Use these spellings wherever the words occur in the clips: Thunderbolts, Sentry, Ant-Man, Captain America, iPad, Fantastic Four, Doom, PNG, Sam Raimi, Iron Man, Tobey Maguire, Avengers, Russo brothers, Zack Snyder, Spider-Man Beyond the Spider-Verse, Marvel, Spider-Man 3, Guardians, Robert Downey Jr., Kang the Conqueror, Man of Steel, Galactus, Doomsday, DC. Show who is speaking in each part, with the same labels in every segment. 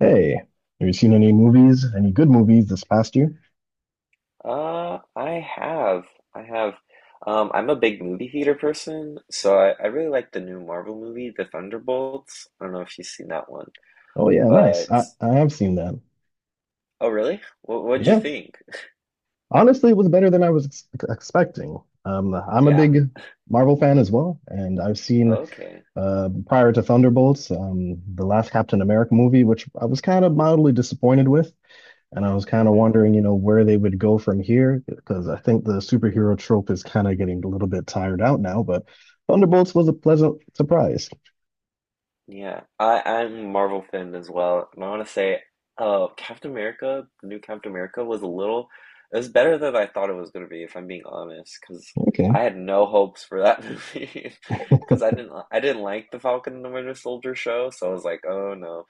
Speaker 1: Hey, have you seen any movies, any good movies this past year?
Speaker 2: I have. I have. I'm a big movie theater person, so I really like the new Marvel movie, The Thunderbolts. I don't know if you've seen that one,
Speaker 1: Oh yeah, nice.
Speaker 2: but
Speaker 1: I have seen that.
Speaker 2: oh, really? What'd you
Speaker 1: Yeah,
Speaker 2: think?
Speaker 1: honestly, it was better than I was ex expecting. I'm a
Speaker 2: Yeah.
Speaker 1: big Marvel fan as well, and I've seen
Speaker 2: Okay.
Speaker 1: prior to Thunderbolts, the last Captain America movie, which I was kind of mildly disappointed with, and I was kind of
Speaker 2: Mm-hmm.
Speaker 1: wondering, you know, where they would go from here, because I think the superhero trope is kind of getting a little bit tired out now. But Thunderbolts was a pleasant surprise.
Speaker 2: Yeah, I'm a Marvel fan as well, and I want to say, Captain America, the new Captain America was a little, it was better than I thought it was gonna be, if I'm being honest, because
Speaker 1: Okay,
Speaker 2: I had no hopes for that movie, because I didn't like the Falcon and the Winter Soldier show, so I was like, oh no.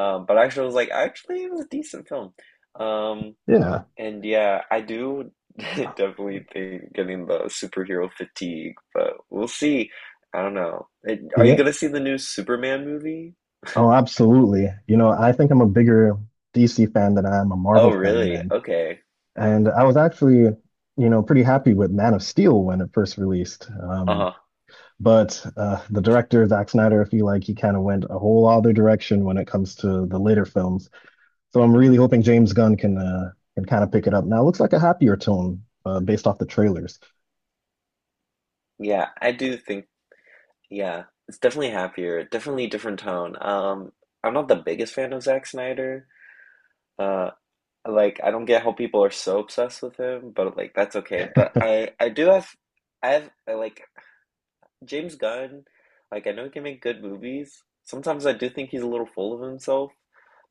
Speaker 2: But actually, I was like, actually, it was a decent film. Um,
Speaker 1: yeah,
Speaker 2: and yeah, I do definitely think getting the superhero fatigue, but we'll see. I don't know. It, are you
Speaker 1: yeah.
Speaker 2: gonna see the new Superman movie?
Speaker 1: Oh, absolutely. You know, I think I'm a bigger DC fan than I am a
Speaker 2: Oh,
Speaker 1: Marvel fan,
Speaker 2: really?
Speaker 1: and
Speaker 2: Okay.
Speaker 1: I was actually, you know, pretty happy with Man of Steel when it first released. Um,
Speaker 2: Uh-huh.
Speaker 1: but uh, the director Zack Snyder, I feel like he kind of went a whole other direction when it comes to the later films. So I'm really
Speaker 2: Hmm.
Speaker 1: hoping James Gunn can kind of pick it up. Now it looks like a happier tone, based off the trailers.
Speaker 2: Yeah, I do think, yeah, it's definitely happier, definitely different tone. I'm not the biggest fan of Zack Snyder. Uh, like I don't get how people are so obsessed with him, but like that's okay. But I do have I have, like James Gunn, like I know he can make good movies. Sometimes I do think he's a little full of himself.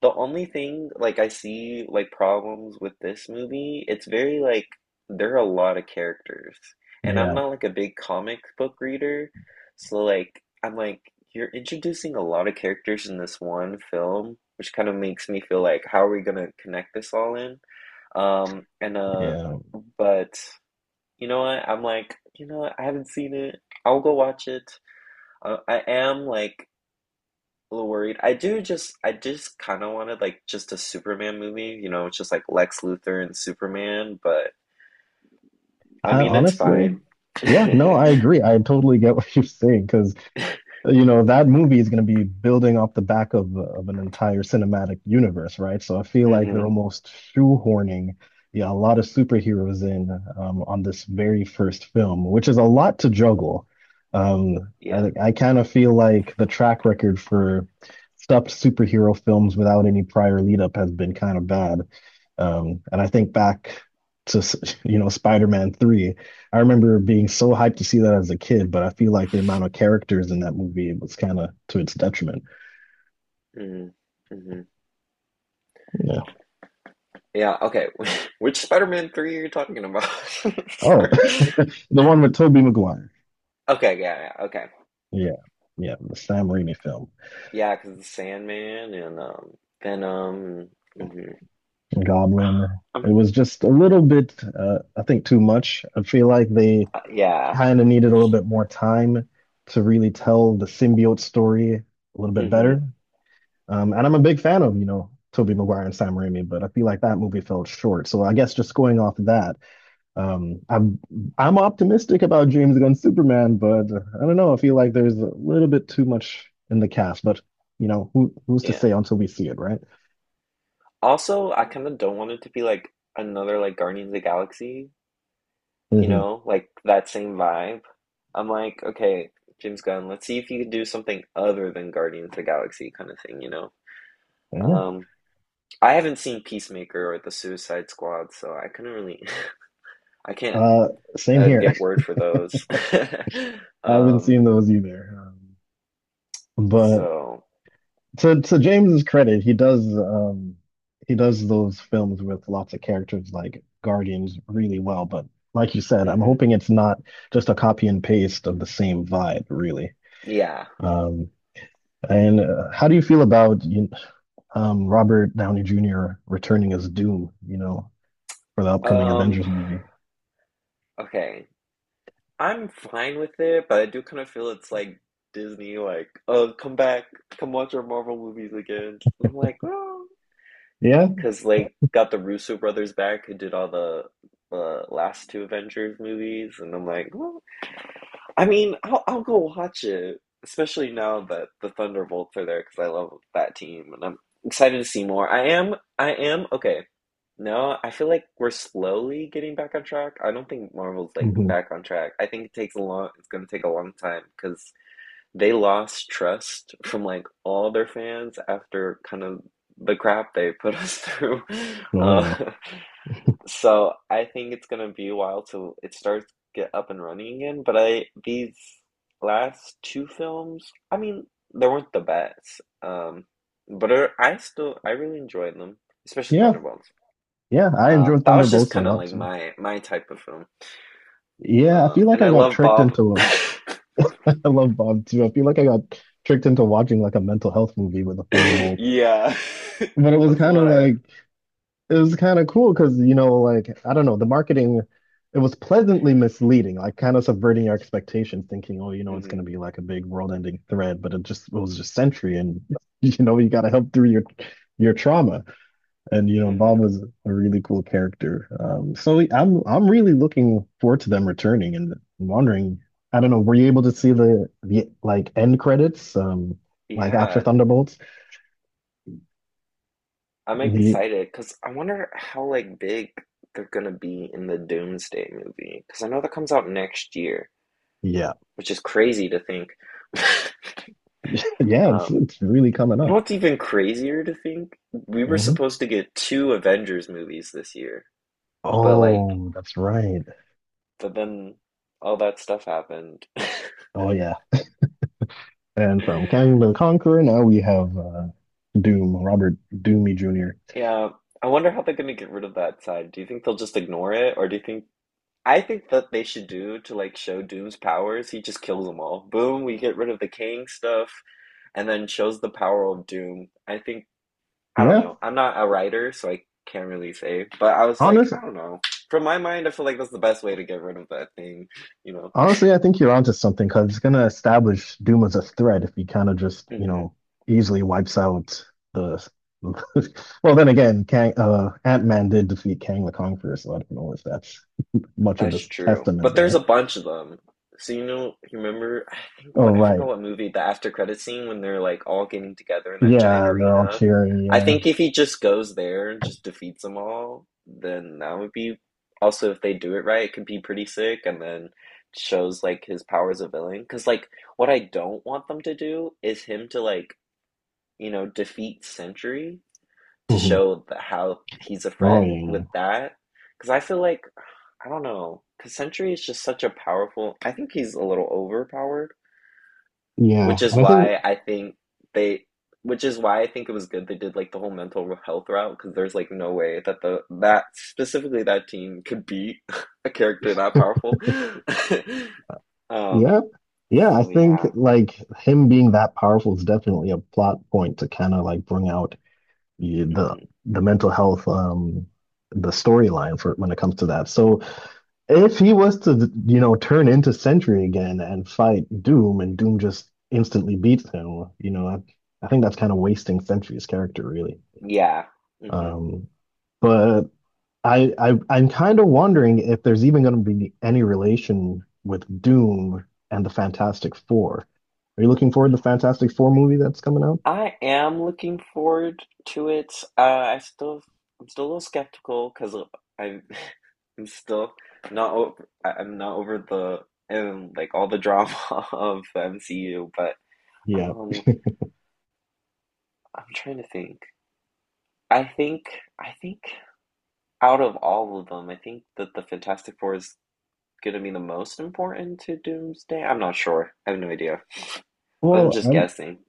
Speaker 2: The only thing like I see like problems with this movie, it's very like there are a lot of characters. And I'm
Speaker 1: Yeah,
Speaker 2: not like a big comic book reader, so like I'm like you're introducing a lot of characters in this one film, which kind of makes me feel like how are we gonna connect this all in? And
Speaker 1: yeah.
Speaker 2: But you know what? I'm like, you know what? I haven't seen it. I'll go watch it. I am like a little worried. I just kind of wanted like just a Superman movie, you know, it's just like Lex Luthor and Superman, but I
Speaker 1: I
Speaker 2: mean it's
Speaker 1: honestly,
Speaker 2: fine.
Speaker 1: yeah, no, I agree. I totally get what you're saying, because you know that movie is going to be building off the back of an entire cinematic universe, right? So I feel like they're
Speaker 2: Hmm.
Speaker 1: almost shoehorning, yeah, a lot of superheroes in, on this very first film, which is a lot to juggle. Um, I
Speaker 2: Yeah.
Speaker 1: think I kind of feel like the track record for stuffed superhero films without any prior lead up has been kind of bad. And I think back to, you know, Spider-Man 3. I remember being so hyped to see that as a kid, but I feel like the amount of characters in that movie was kind of to its detriment.
Speaker 2: Hmm. Hmm.
Speaker 1: You know.
Speaker 2: Yeah, okay. Which Spider-Man 3 are you talking about?
Speaker 1: Oh,
Speaker 2: Sorry.
Speaker 1: the one with Tobey Maguire.
Speaker 2: Okay, yeah, yeah, okay.
Speaker 1: Yeah, yeah, the Sam Raimi film,
Speaker 2: Yeah, 'cause the Sandman and Venom. Hmm.
Speaker 1: Goblin.
Speaker 2: I'm,
Speaker 1: It was just a little bit, I think, too much. I feel like they
Speaker 2: yeah.
Speaker 1: kind of needed a little bit more time to really tell the symbiote story a little bit
Speaker 2: Hmm.
Speaker 1: better. And I'm a big fan of, you know, Tobey Maguire and Sam Raimi, but I feel like that movie fell short. So I guess just going off of that, Um, I'm I'm optimistic about James Gunn's Superman, but I don't know. I feel like there's a little bit too much in the cast, but you know, who's to
Speaker 2: Yeah.
Speaker 1: say until we see it, right?
Speaker 2: Also, I kind of don't want it to be like another like Guardians of the Galaxy. You
Speaker 1: hmm
Speaker 2: know, like that same vibe. I'm like, okay, James Gunn, let's see if you can do something other than Guardians of the Galaxy kind of thing, you know?
Speaker 1: Yeah.
Speaker 2: Um, I haven't seen Peacemaker or The Suicide Squad, so I couldn't really, I can't
Speaker 1: Uh, same here.
Speaker 2: give word for those.
Speaker 1: I haven't
Speaker 2: Um,
Speaker 1: seen those either. But
Speaker 2: so,
Speaker 1: to James's credit, he does, he does those films with lots of characters like Guardians really well. But like you said, I'm
Speaker 2: hmm
Speaker 1: hoping it's not just a copy and paste of the same vibe, really.
Speaker 2: yeah.
Speaker 1: Um, and how do you feel about Robert Downey Jr. returning as Doom, you know, for the upcoming
Speaker 2: Um,
Speaker 1: Avengers movie.
Speaker 2: okay. I'm fine with it, but I do kind of feel it's like Disney, like, oh, come back, come watch our Marvel movies again. I'm like, well.
Speaker 1: Yeah.
Speaker 2: Because like got the Russo brothers back who did all the last two Avengers movies, and I'm like, well, I mean, I'll go watch it, especially now that the Thunderbolts are there because I love that team, and I'm excited to see more. I am okay. No, I feel like we're slowly getting back on track. I don't think Marvel's like
Speaker 1: hmm
Speaker 2: back on track. I think it takes a long, it's gonna take a long time because they lost trust from like all their fans after kind of the crap they put us through.
Speaker 1: Oh
Speaker 2: Uh,
Speaker 1: yeah,
Speaker 2: so I think it's gonna be a while till it starts to get up and running again. But I these last two films, I mean, they weren't the best. But I still I really enjoyed them, especially
Speaker 1: yeah,
Speaker 2: Thunderbolts.
Speaker 1: yeah. I enjoyed
Speaker 2: That was just
Speaker 1: Thunderbolts a
Speaker 2: kind of
Speaker 1: lot
Speaker 2: like
Speaker 1: too.
Speaker 2: my type of film.
Speaker 1: Yeah, I feel like
Speaker 2: And
Speaker 1: I
Speaker 2: I
Speaker 1: got
Speaker 2: love
Speaker 1: tricked
Speaker 2: Bob.
Speaker 1: into. I love Bob too. I feel like I got tricked into watching like a mental health movie with the Thunderbolts,
Speaker 2: Yeah,
Speaker 1: but
Speaker 2: that's what I.
Speaker 1: it was kind of cool because, you know, like, I don't know, the marketing, it was pleasantly misleading, like kind of subverting your expectations, thinking, oh, you know, it's going
Speaker 2: Mhm.
Speaker 1: to be like a big world-ending threat, but it was just Sentry, and you know, you got to help through your trauma. And you know,
Speaker 2: Hmm.
Speaker 1: Bob was a really cool character. So I'm really looking forward to them returning and wondering. I don't know, were you able to see the, end credits, like after
Speaker 2: Yeah,
Speaker 1: Thunderbolts?
Speaker 2: I'm
Speaker 1: The
Speaker 2: excited because I wonder how like big they're gonna be in the Doomsday movie because I know that comes out next year,
Speaker 1: Yeah,
Speaker 2: which is crazy to think.
Speaker 1: yeah, it's
Speaker 2: Um,
Speaker 1: it's really coming
Speaker 2: you know
Speaker 1: up.
Speaker 2: what's even crazier to think? We were
Speaker 1: Mhm.
Speaker 2: supposed to get two Avengers movies this year, but like,
Speaker 1: Oh, that's right.
Speaker 2: but then all that stuff happened.
Speaker 1: Oh yeah. And from Kang the Conqueror, now we have, Doom, Robert Doomy Jr.
Speaker 2: Yeah, I wonder how they're gonna get rid of that side. Do you think they'll just ignore it, or do you think I think that they should do to like show Doom's powers, he just kills them all. Boom, we get rid of the king stuff, and then shows the power of Doom. I think I don't
Speaker 1: Yeah,
Speaker 2: know. I'm not a writer, so I can't really say. But I was like,
Speaker 1: honest,
Speaker 2: I don't know. From my mind, I feel like that's the best way to get rid of that thing, you know.
Speaker 1: Honestly, I think you're onto something because it's gonna establish Doom as a threat if he kind of just, you
Speaker 2: Hmm.
Speaker 1: know, easily wipes out the. Well, then again, Kang, Ant-Man did defeat Kang the Conqueror, so I don't know if that's much of
Speaker 2: That's
Speaker 1: a
Speaker 2: true.
Speaker 1: testament
Speaker 2: But there's a
Speaker 1: there.
Speaker 2: bunch of them. So you know, you remember, I think
Speaker 1: Oh,
Speaker 2: what I
Speaker 1: right.
Speaker 2: forgot what movie, the after credit scene when they're like all getting together in that giant
Speaker 1: Yeah, they're all
Speaker 2: arena.
Speaker 1: cheering.
Speaker 2: I
Speaker 1: Yeah.
Speaker 2: think if he just goes there and just defeats them all, then that would be also if they do it right, it could be pretty sick and then shows like his power as a villain. Because like what I don't want them to do is him to like, you know, defeat Sentry to
Speaker 1: hmm
Speaker 2: show that how he's a
Speaker 1: Oh,
Speaker 2: threat
Speaker 1: yeah.
Speaker 2: with that. Because I feel like, I don't know, because Sentry is just such a powerful. I think he's a little overpowered,
Speaker 1: Yeah,
Speaker 2: which is
Speaker 1: and I think
Speaker 2: why I think they. Which is why I think it was good they did like the whole mental health route because there's like no way that the that specifically that team could beat a character that powerful. Um.
Speaker 1: Yeah. Yeah, I
Speaker 2: So
Speaker 1: think
Speaker 2: yeah.
Speaker 1: like him being that powerful is definitely a plot point to kind of like bring out the
Speaker 2: Hmm.
Speaker 1: mental health, the storyline for when it comes to that. So if he was to, you know, turn into Sentry again and fight Doom and Doom just instantly beats him, you know, I think that's kind of wasting Sentry's character really.
Speaker 2: Yeah. Mm-hmm.
Speaker 1: Um but I'm kind of wondering if there's even going to be any relation with Doom and the Fantastic Four. Are you looking forward to the Fantastic Four movie that's coming out?
Speaker 2: I am looking forward to it. I still, I'm still a little skeptical because I'm, I'm still not over, I'm not over the like all the drama of the MCU. But
Speaker 1: Yeah.
Speaker 2: um, I'm trying to think. I think, I think out of all of them, I think that the Fantastic Four is gonna be the most important to Doomsday. I'm not sure. I have no idea. I'm
Speaker 1: Well,
Speaker 2: just
Speaker 1: I'm,
Speaker 2: guessing.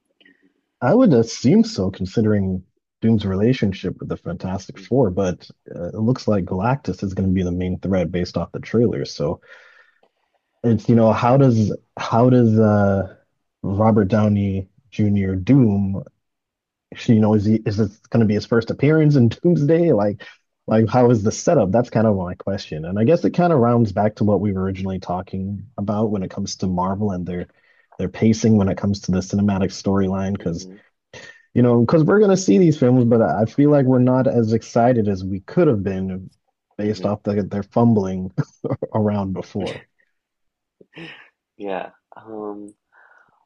Speaker 1: I would assume so, considering Doom's relationship with the Fantastic Four, but it looks like Galactus is going to be the main threat based off the trailer. So it's, you know, how does, Robert Downey Jr. Doom, you know, is this going to be his first appearance in Doomsday? Like how is the setup? That's kind of my question, and I guess it kind of rounds
Speaker 2: Hmm.
Speaker 1: back to what we were originally talking about when it comes to Marvel and their pacing when it comes to the cinematic storyline. Because
Speaker 2: Hmm.
Speaker 1: you know, because we're going to see these films, but I feel like we're not as excited as we could have been based
Speaker 2: Hmm.
Speaker 1: off their fumbling around before.
Speaker 2: Yeah. Um.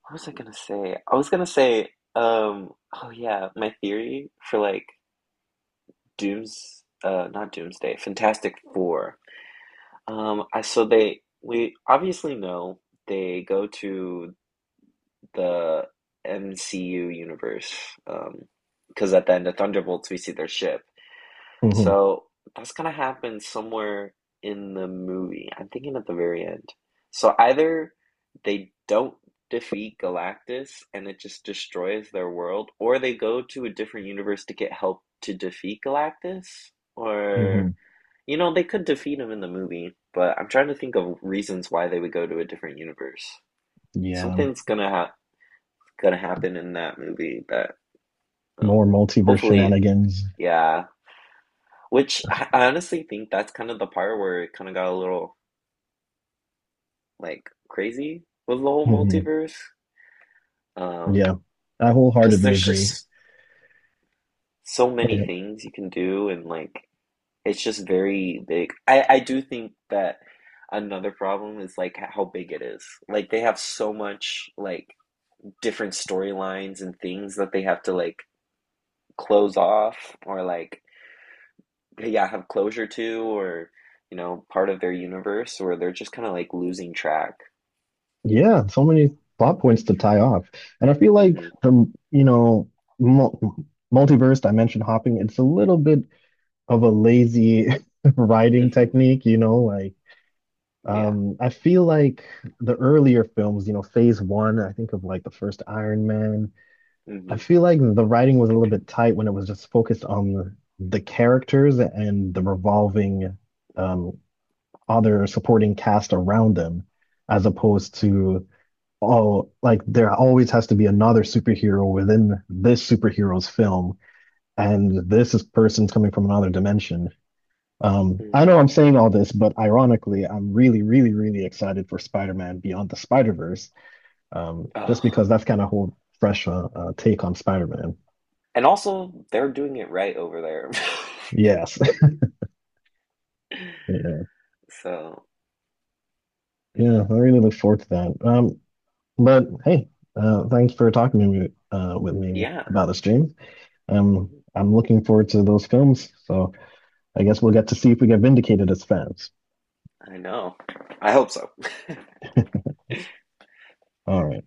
Speaker 2: What was I gonna say? I was gonna say, um, oh yeah, my theory for like Dooms, not Doomsday, Fantastic Four. I so they we obviously know they go to the MCU universe, um, because at the end of Thunderbolts we see their ship.
Speaker 1: hmm
Speaker 2: So that's gonna happen somewhere in the movie. I'm thinking at the very end. So either they don't defeat Galactus and it just destroys their world, or they go to a different universe to get help to defeat Galactus, or
Speaker 1: hmm
Speaker 2: you know, they could defeat him in the movie, but I'm trying to think of reasons why they would go to a different universe.
Speaker 1: Yeah,
Speaker 2: Something's gonna happen in that movie that, well,
Speaker 1: more multiverse
Speaker 2: hopefully,
Speaker 1: shenanigans.
Speaker 2: yeah. Which I honestly think that's kind of the part where it kind of got a little like crazy with the whole
Speaker 1: hmm
Speaker 2: multiverse. Um,
Speaker 1: Yeah, I
Speaker 2: because
Speaker 1: wholeheartedly
Speaker 2: there's
Speaker 1: agree.
Speaker 2: just so many
Speaker 1: Yeah,
Speaker 2: things you can do, and like it's just very big. I do think that another problem is like how big it is. Like they have so much like different storylines and things that they have to like close off or like yeah, have closure to or you know, part of their universe where they're just kind of like losing track.
Speaker 1: yeah, so many plot points to tie off, and I feel like
Speaker 2: Hmm.
Speaker 1: the you know mul multiverse dimension hopping. It's a little bit of a lazy writing
Speaker 2: Hmm.
Speaker 1: technique, you know, like,
Speaker 2: Yeah.
Speaker 1: I feel like the earlier films, you know, phase one, I think of like the first Iron Man, I
Speaker 2: Hmm.
Speaker 1: feel like the writing was a little bit tight when it was just focused on the characters and the revolving, um other supporting cast around them, as opposed to, oh, like there always has to be another superhero within this superhero's film, and this is person's coming from another dimension. I
Speaker 2: Hmm.
Speaker 1: know I'm saying all this, but ironically, I'm really, really, really excited for Spider-Man Beyond the Spider-Verse, just
Speaker 2: Oh.
Speaker 1: because that's kind of a whole fresh, take on Spider-Man.
Speaker 2: And also, they're doing it right over there.
Speaker 1: Yes, yeah,
Speaker 2: So,
Speaker 1: yeah. I really look forward to that. But hey, thanks for talking to me, with me
Speaker 2: yeah,
Speaker 1: about this, James.
Speaker 2: mm-hmm.
Speaker 1: I'm looking forward to those films, so I guess we'll get to see if we get vindicated as fans.
Speaker 2: I know. I hope so.
Speaker 1: All right.